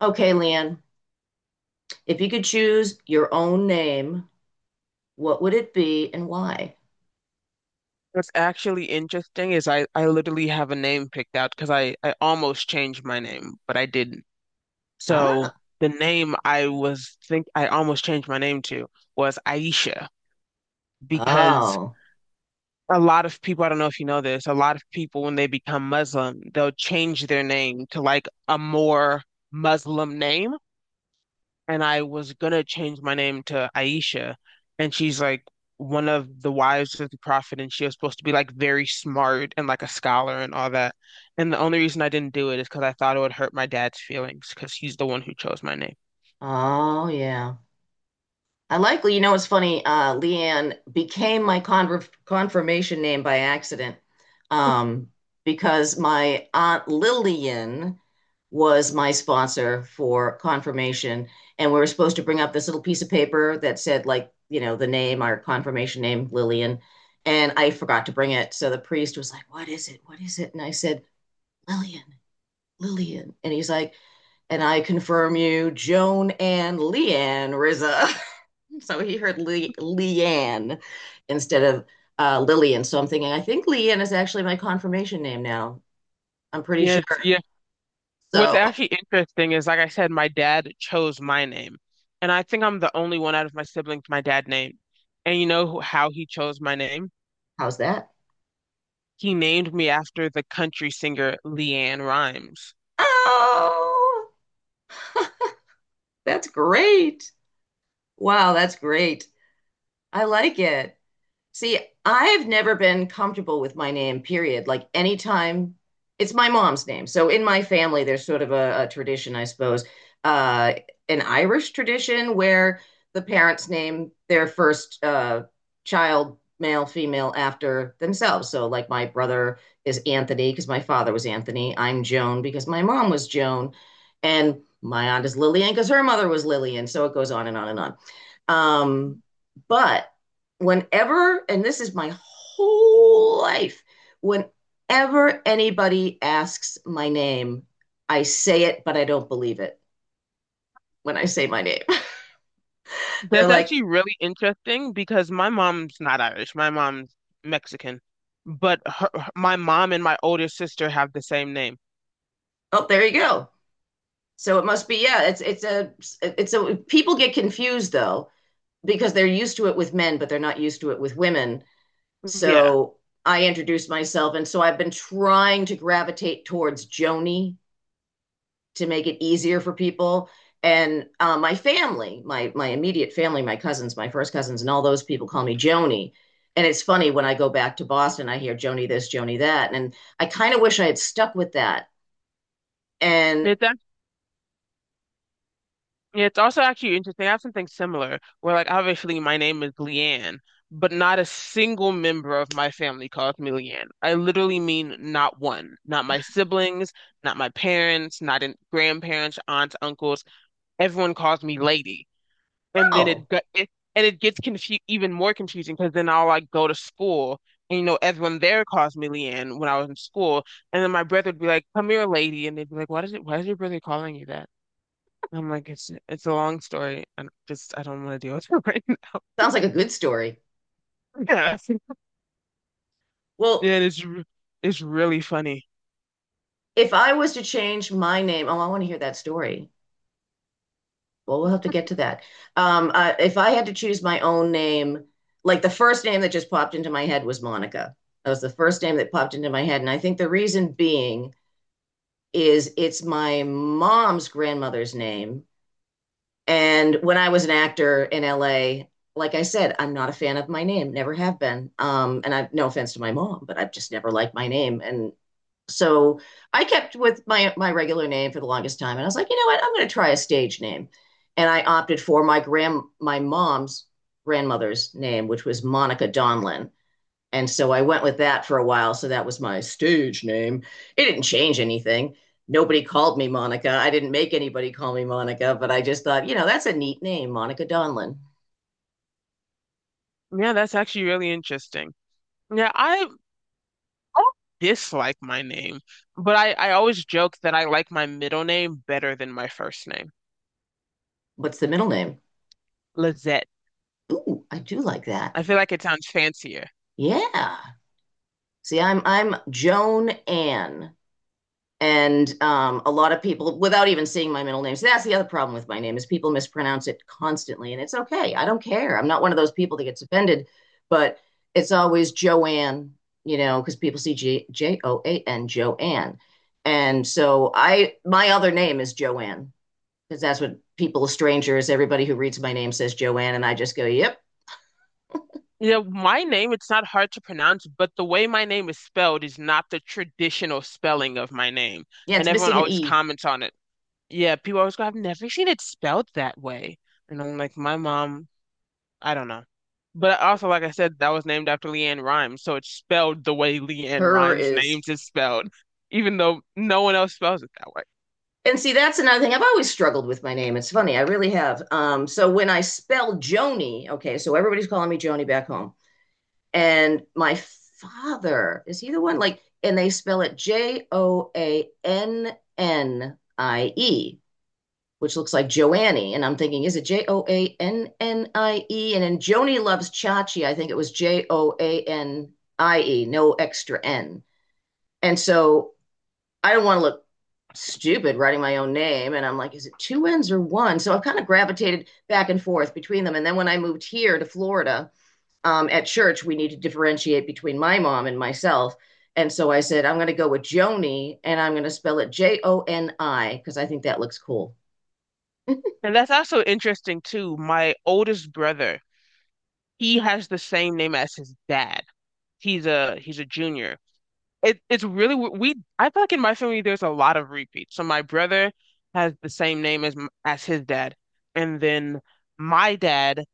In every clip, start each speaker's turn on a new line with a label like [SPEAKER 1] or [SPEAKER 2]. [SPEAKER 1] Okay, Leanne, if you could choose your own name, what would it be and why?
[SPEAKER 2] What's actually interesting is I literally have a name picked out because I almost changed my name, but I didn't.
[SPEAKER 1] Ah,
[SPEAKER 2] So the name I was think I almost changed my name to was Aisha because
[SPEAKER 1] oh,
[SPEAKER 2] a lot of people, I don't know if you know this, a lot of people when they become Muslim, they'll change their name to like a more Muslim name. And I was gonna change my name to Aisha, and she's like one of the wives of the prophet, and she was supposed to be like very smart and like a scholar and all that. And the only reason I didn't do it is because I thought it would hurt my dad's feelings because he's the one who chose my name.
[SPEAKER 1] oh, yeah. I likely, it's funny. Leanne became my confirmation name by accident, um, because my aunt Lillian was my sponsor for confirmation, and we were supposed to bring up this little piece of paper that said, like, the name, our confirmation name, Lillian, and I forgot to bring it. So the priest was like, "What is it? What is it?" And I said, "Lillian, Lillian," and he's like, "And I confirm you, Joan and Leanne Rizza." So he heard Le Leanne instead of Lillian. So I'm thinking, I think Leanne is actually my confirmation name now. I'm pretty sure.
[SPEAKER 2] Yeah. What's
[SPEAKER 1] So
[SPEAKER 2] actually interesting is, like I said, my dad chose my name, and I think I'm the only one out of my siblings my dad named. And you know how he chose my name?
[SPEAKER 1] how's that?
[SPEAKER 2] He named me after the country singer Leanne Rhymes.
[SPEAKER 1] Oh, that's great. Wow, that's great. I like it. See, I've never been comfortable with my name, period. Like anytime it's my mom's name. So in my family, there's sort of a tradition, I suppose, uh, an Irish tradition where the parents name their first, child, male, female, after themselves. So like my brother is Anthony because my father was Anthony. I'm Joan because my mom was Joan. And my aunt is Lillian because her mother was Lillian. So it goes on and on and on. Um, but whenever, and this is my whole life, whenever anybody asks my name, I say it, but I don't believe it when I say my name. They're
[SPEAKER 2] That's
[SPEAKER 1] like,
[SPEAKER 2] actually really interesting because my mom's not Irish. My mom's Mexican, but my mom and my older sister have the same name.
[SPEAKER 1] "Oh, there you go." So it must be, yeah, it's a people get confused, though, because they're used to it with men, but they're not used to it with women.
[SPEAKER 2] Yeah.
[SPEAKER 1] So I introduce myself, and so I've been trying to gravitate towards Joni to make it easier for people. And my family, my immediate family, my cousins, my first cousins, and all those people call me Joni. And it's funny when I go back to Boston, I hear Joni this, Joni that, and I kind of wish I had stuck with that. And
[SPEAKER 2] It's act- it's also actually interesting. I have something similar where, like, obviously my name is Leanne, but not a single member of my family calls me Leanne. I literally mean not one. Not my siblings, not my parents, not in grandparents, aunts, uncles. Everyone calls me lady. And then
[SPEAKER 1] oh,
[SPEAKER 2] it gets confu even more confusing because then I'll like go to school, and you know everyone there calls me Leanne when I was in school. And then my brother would be like, come here lady, and they'd be like, why does it, why is your brother calling you that? And I'm like, it's a long story, and just I don't want to deal with it right now.
[SPEAKER 1] sounds like a good story.
[SPEAKER 2] Yeah. yeah
[SPEAKER 1] Well,
[SPEAKER 2] and it's re- it's really funny.
[SPEAKER 1] if I was to change my name, oh, I want to hear that story. Well, we'll have to get to that. If I had to choose my own name, like the first name that just popped into my head was Monica. That was the first name that popped into my head. And I think the reason being is it's my mom's grandmother's name. And when I was an actor in LA, like I said, I'm not a fan of my name, never have been. And I've no offense to my mom, but I've just never liked my name. And so I kept with my regular name for the longest time, and I was like, you know what? I'm going to try a stage name, and I opted for my mom's grandmother's name, which was Monica Donlin, and so I went with that for a while. So that was my stage name. It didn't change anything. Nobody called me Monica. I didn't make anybody call me Monica, but I just thought, that's a neat name, Monica Donlin.
[SPEAKER 2] Yeah, that's actually really interesting. Yeah, I don't dislike my name, but I always joke that I like my middle name better than my first name.
[SPEAKER 1] What's the middle name?
[SPEAKER 2] Lizette.
[SPEAKER 1] Ooh, I do like that.
[SPEAKER 2] I feel like it sounds fancier.
[SPEAKER 1] Yeah. See, I'm Joan Ann. And a lot of people, without even seeing my middle name, so that's the other problem with my name is people mispronounce it constantly, and it's okay. I don't care. I'm not one of those people that gets offended, but it's always Joanne, because people see Joan Joanne, and so I my other name is Joanne because that's what people, strangers, everybody who reads my name says Joanne, and I just go, yep.
[SPEAKER 2] You know, my name, it's not hard to pronounce, but the way my name is spelled is not the traditional spelling of my name.
[SPEAKER 1] Yeah,
[SPEAKER 2] And
[SPEAKER 1] it's
[SPEAKER 2] everyone
[SPEAKER 1] missing an
[SPEAKER 2] always
[SPEAKER 1] E.
[SPEAKER 2] comments on it. Yeah, people always go, I've never seen it spelled that way. And I'm like, my mom, I don't know. But also, like I said, that was named after Leanne Rhymes, so it's spelled the way Leanne
[SPEAKER 1] Her
[SPEAKER 2] Rhymes'
[SPEAKER 1] is.
[SPEAKER 2] names is spelled, even though no one else spells it that way.
[SPEAKER 1] And see, that's another thing. I've always struggled with my name. It's funny. I really have. So when I spell Joni, okay, so everybody's calling me Joni back home. And my father, is he the one? Like, and they spell it Joannie, which looks like Joannie. And I'm thinking, is it Joannie? And in Joni Loves Chachi, I think it was Joanie, no extra N. And so I don't want to look stupid writing my own name. And I'm like, is it two N's or one? So I've kind of gravitated back and forth between them. And then when I moved here to Florida, at church, we need to differentiate between my mom and myself. And so I said, I'm going to go with Joni and I'm going to spell it Joni because I think that looks cool.
[SPEAKER 2] And that's also interesting too. My oldest brother, he has the same name as his dad. He's a junior. It's really we, I feel like in my family there's a lot of repeats. So my brother has the same name as as his dad, and then my dad,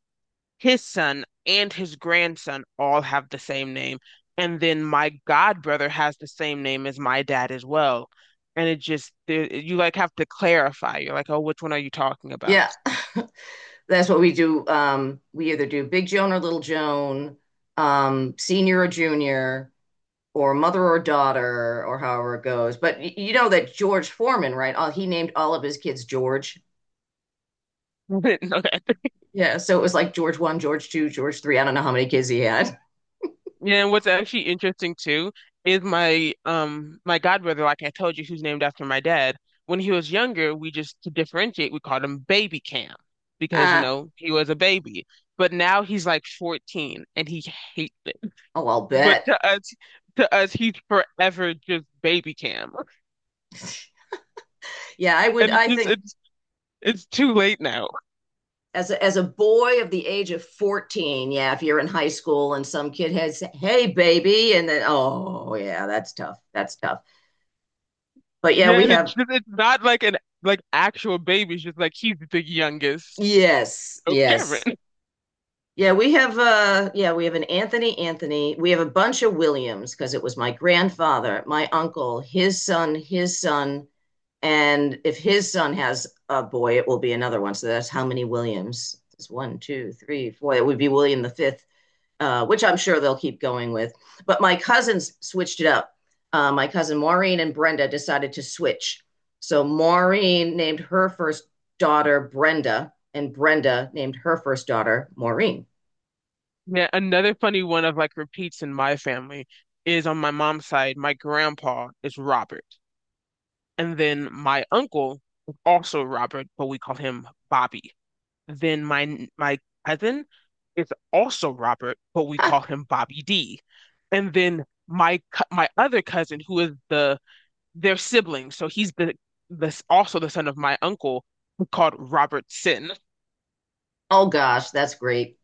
[SPEAKER 2] his son and his grandson all have the same name. And then my god brother has the same name as my dad as well. And it just, you like have to clarify. You're like, oh, which one are you talking about?
[SPEAKER 1] Yeah, that's what we do. We either do Big Joan or Little Joan, senior or junior, or mother or daughter, or however it goes. But you know that George Foreman, right? He named all of his kids George.
[SPEAKER 2] I didn't know that.
[SPEAKER 1] Yeah, so it was like George one, George two, George three. I don't know how many kids he had.
[SPEAKER 2] Yeah, and what's actually interesting too is my my god brother, like I told you, who's named after my dad. When he was younger, we just to differentiate, we called him Baby Cam because you
[SPEAKER 1] Ah,
[SPEAKER 2] know he was a baby. But now he's like 14 and he hates.
[SPEAKER 1] oh, I'll
[SPEAKER 2] But
[SPEAKER 1] bet.
[SPEAKER 2] to us, he's forever just baby Cam,
[SPEAKER 1] Yeah, I would.
[SPEAKER 2] and it's
[SPEAKER 1] I
[SPEAKER 2] just
[SPEAKER 1] think,
[SPEAKER 2] it's too late now.
[SPEAKER 1] as a boy of the age of 14, yeah, if you're in high school and some kid has, "Hey baby," and then, oh yeah, that's tough, that's tough. But yeah,
[SPEAKER 2] Yeah,
[SPEAKER 1] we
[SPEAKER 2] and it's
[SPEAKER 1] have,
[SPEAKER 2] just it's not like an like actual baby. It's just like he's the youngest.
[SPEAKER 1] yes,
[SPEAKER 2] Oh,
[SPEAKER 1] yes,
[SPEAKER 2] Cameron.
[SPEAKER 1] yeah, we have, yeah, we have an Anthony, Anthony. We have a bunch of Williams because it was my grandfather, my uncle, his son, his son. And if his son has a boy, it will be another one. So that's how many Williams. It's one, two, three, four. It would be William the fifth, which I'm sure they'll keep going with. But my cousins switched it up. My cousin Maureen and Brenda decided to switch. So Maureen named her first daughter Brenda, and Brenda named her first daughter Maureen.
[SPEAKER 2] Yeah, another funny one of like repeats in my family is on my mom's side. My grandpa is Robert, and then my uncle is also Robert, but we call him Bobby. Then my cousin is also Robert, but we
[SPEAKER 1] Huh.
[SPEAKER 2] call him Bobby D. And then my my other cousin, who is the their sibling, so he's the, this also the son of my uncle, who's called Robert Sin.
[SPEAKER 1] Oh gosh, that's great.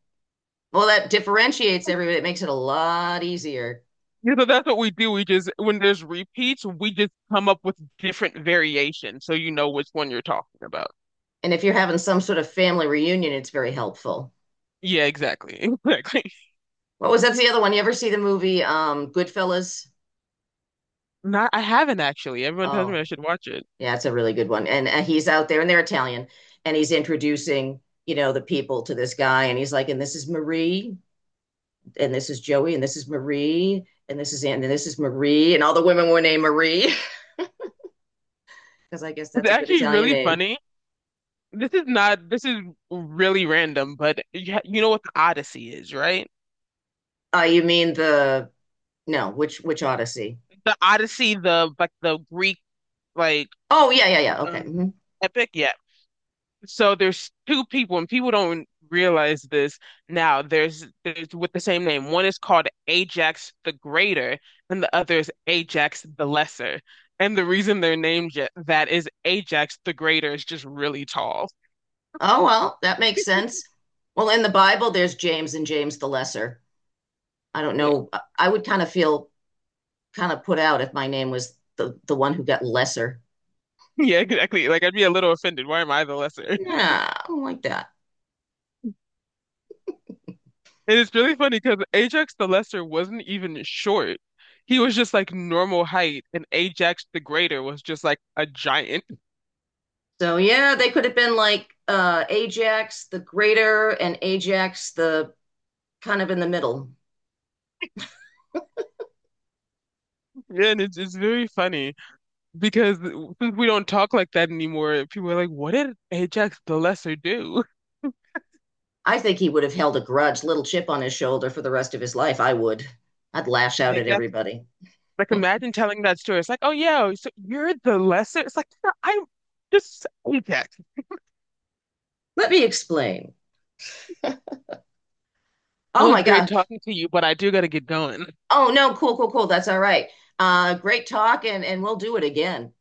[SPEAKER 1] Well, that differentiates everybody. It makes it a lot easier.
[SPEAKER 2] You know, that's what we do. We just, when there's repeats, we just come up with different variations, so you know which one you're talking about.
[SPEAKER 1] And if you're having some sort of family reunion, it's very helpful.
[SPEAKER 2] Yeah, exactly, exactly.
[SPEAKER 1] What was That's the other one? You ever see the movie, Goodfellas?
[SPEAKER 2] Not, I haven't actually. Everyone tells me
[SPEAKER 1] Oh,
[SPEAKER 2] I should watch it.
[SPEAKER 1] yeah, it's a really good one. And he's out there and they're Italian, and he's introducing, the people to this guy, and he's like, and this is Marie, and this is Joey, and this is Marie, and this is Anne, and this is Marie, and all the women were named Marie because I guess
[SPEAKER 2] It's
[SPEAKER 1] that's a good
[SPEAKER 2] actually
[SPEAKER 1] Italian
[SPEAKER 2] really
[SPEAKER 1] name.
[SPEAKER 2] funny. This is not, this is really random, but you, you know what the Odyssey is, right?
[SPEAKER 1] You mean the no, which Odyssey?
[SPEAKER 2] The Odyssey, the like the Greek, like,
[SPEAKER 1] Oh, yeah, yeah, yeah. Okay.
[SPEAKER 2] um
[SPEAKER 1] Mhm.
[SPEAKER 2] epic, yeah. So there's two people, and people don't realize this now. There's with the same name. One is called Ajax the Greater, and the other is Ajax the Lesser. And the reason they're named that is Ajax the Greater is just really tall.
[SPEAKER 1] Oh, well, that makes sense. Well, in the Bible, there's James and James the Lesser. I don't
[SPEAKER 2] Yeah.
[SPEAKER 1] know. I would kind of feel kind of put out if my name was the one who got lesser.
[SPEAKER 2] Yeah, exactly. Like, I'd be a little offended. Why am I the lesser?
[SPEAKER 1] Yeah, I don't like that.
[SPEAKER 2] And it's really funny because Ajax the Lesser wasn't even short. He was just like normal height, and Ajax the Greater was just like a giant.
[SPEAKER 1] So yeah, they could have been like, Ajax the Greater and Ajax the kind of in the middle.
[SPEAKER 2] Yeah, and it's very funny because since we don't talk like that anymore, people are like, "What did Ajax the Lesser do?"
[SPEAKER 1] I think he would have held a grudge, little chip on his shoulder for the rest of his life. I would. I'd lash out
[SPEAKER 2] Like,
[SPEAKER 1] at
[SPEAKER 2] that's
[SPEAKER 1] everybody.
[SPEAKER 2] like, imagine telling that story. It's like, "Oh yeah, so you're the lesser." It's like, "No, I'm just Ajax."
[SPEAKER 1] Let me explain.
[SPEAKER 2] It
[SPEAKER 1] Oh
[SPEAKER 2] was
[SPEAKER 1] my
[SPEAKER 2] great
[SPEAKER 1] gosh.
[SPEAKER 2] talking to you, but I do gotta get going.
[SPEAKER 1] Oh no, cool, cool, cool. That's all right. Great talk, and we'll do it again.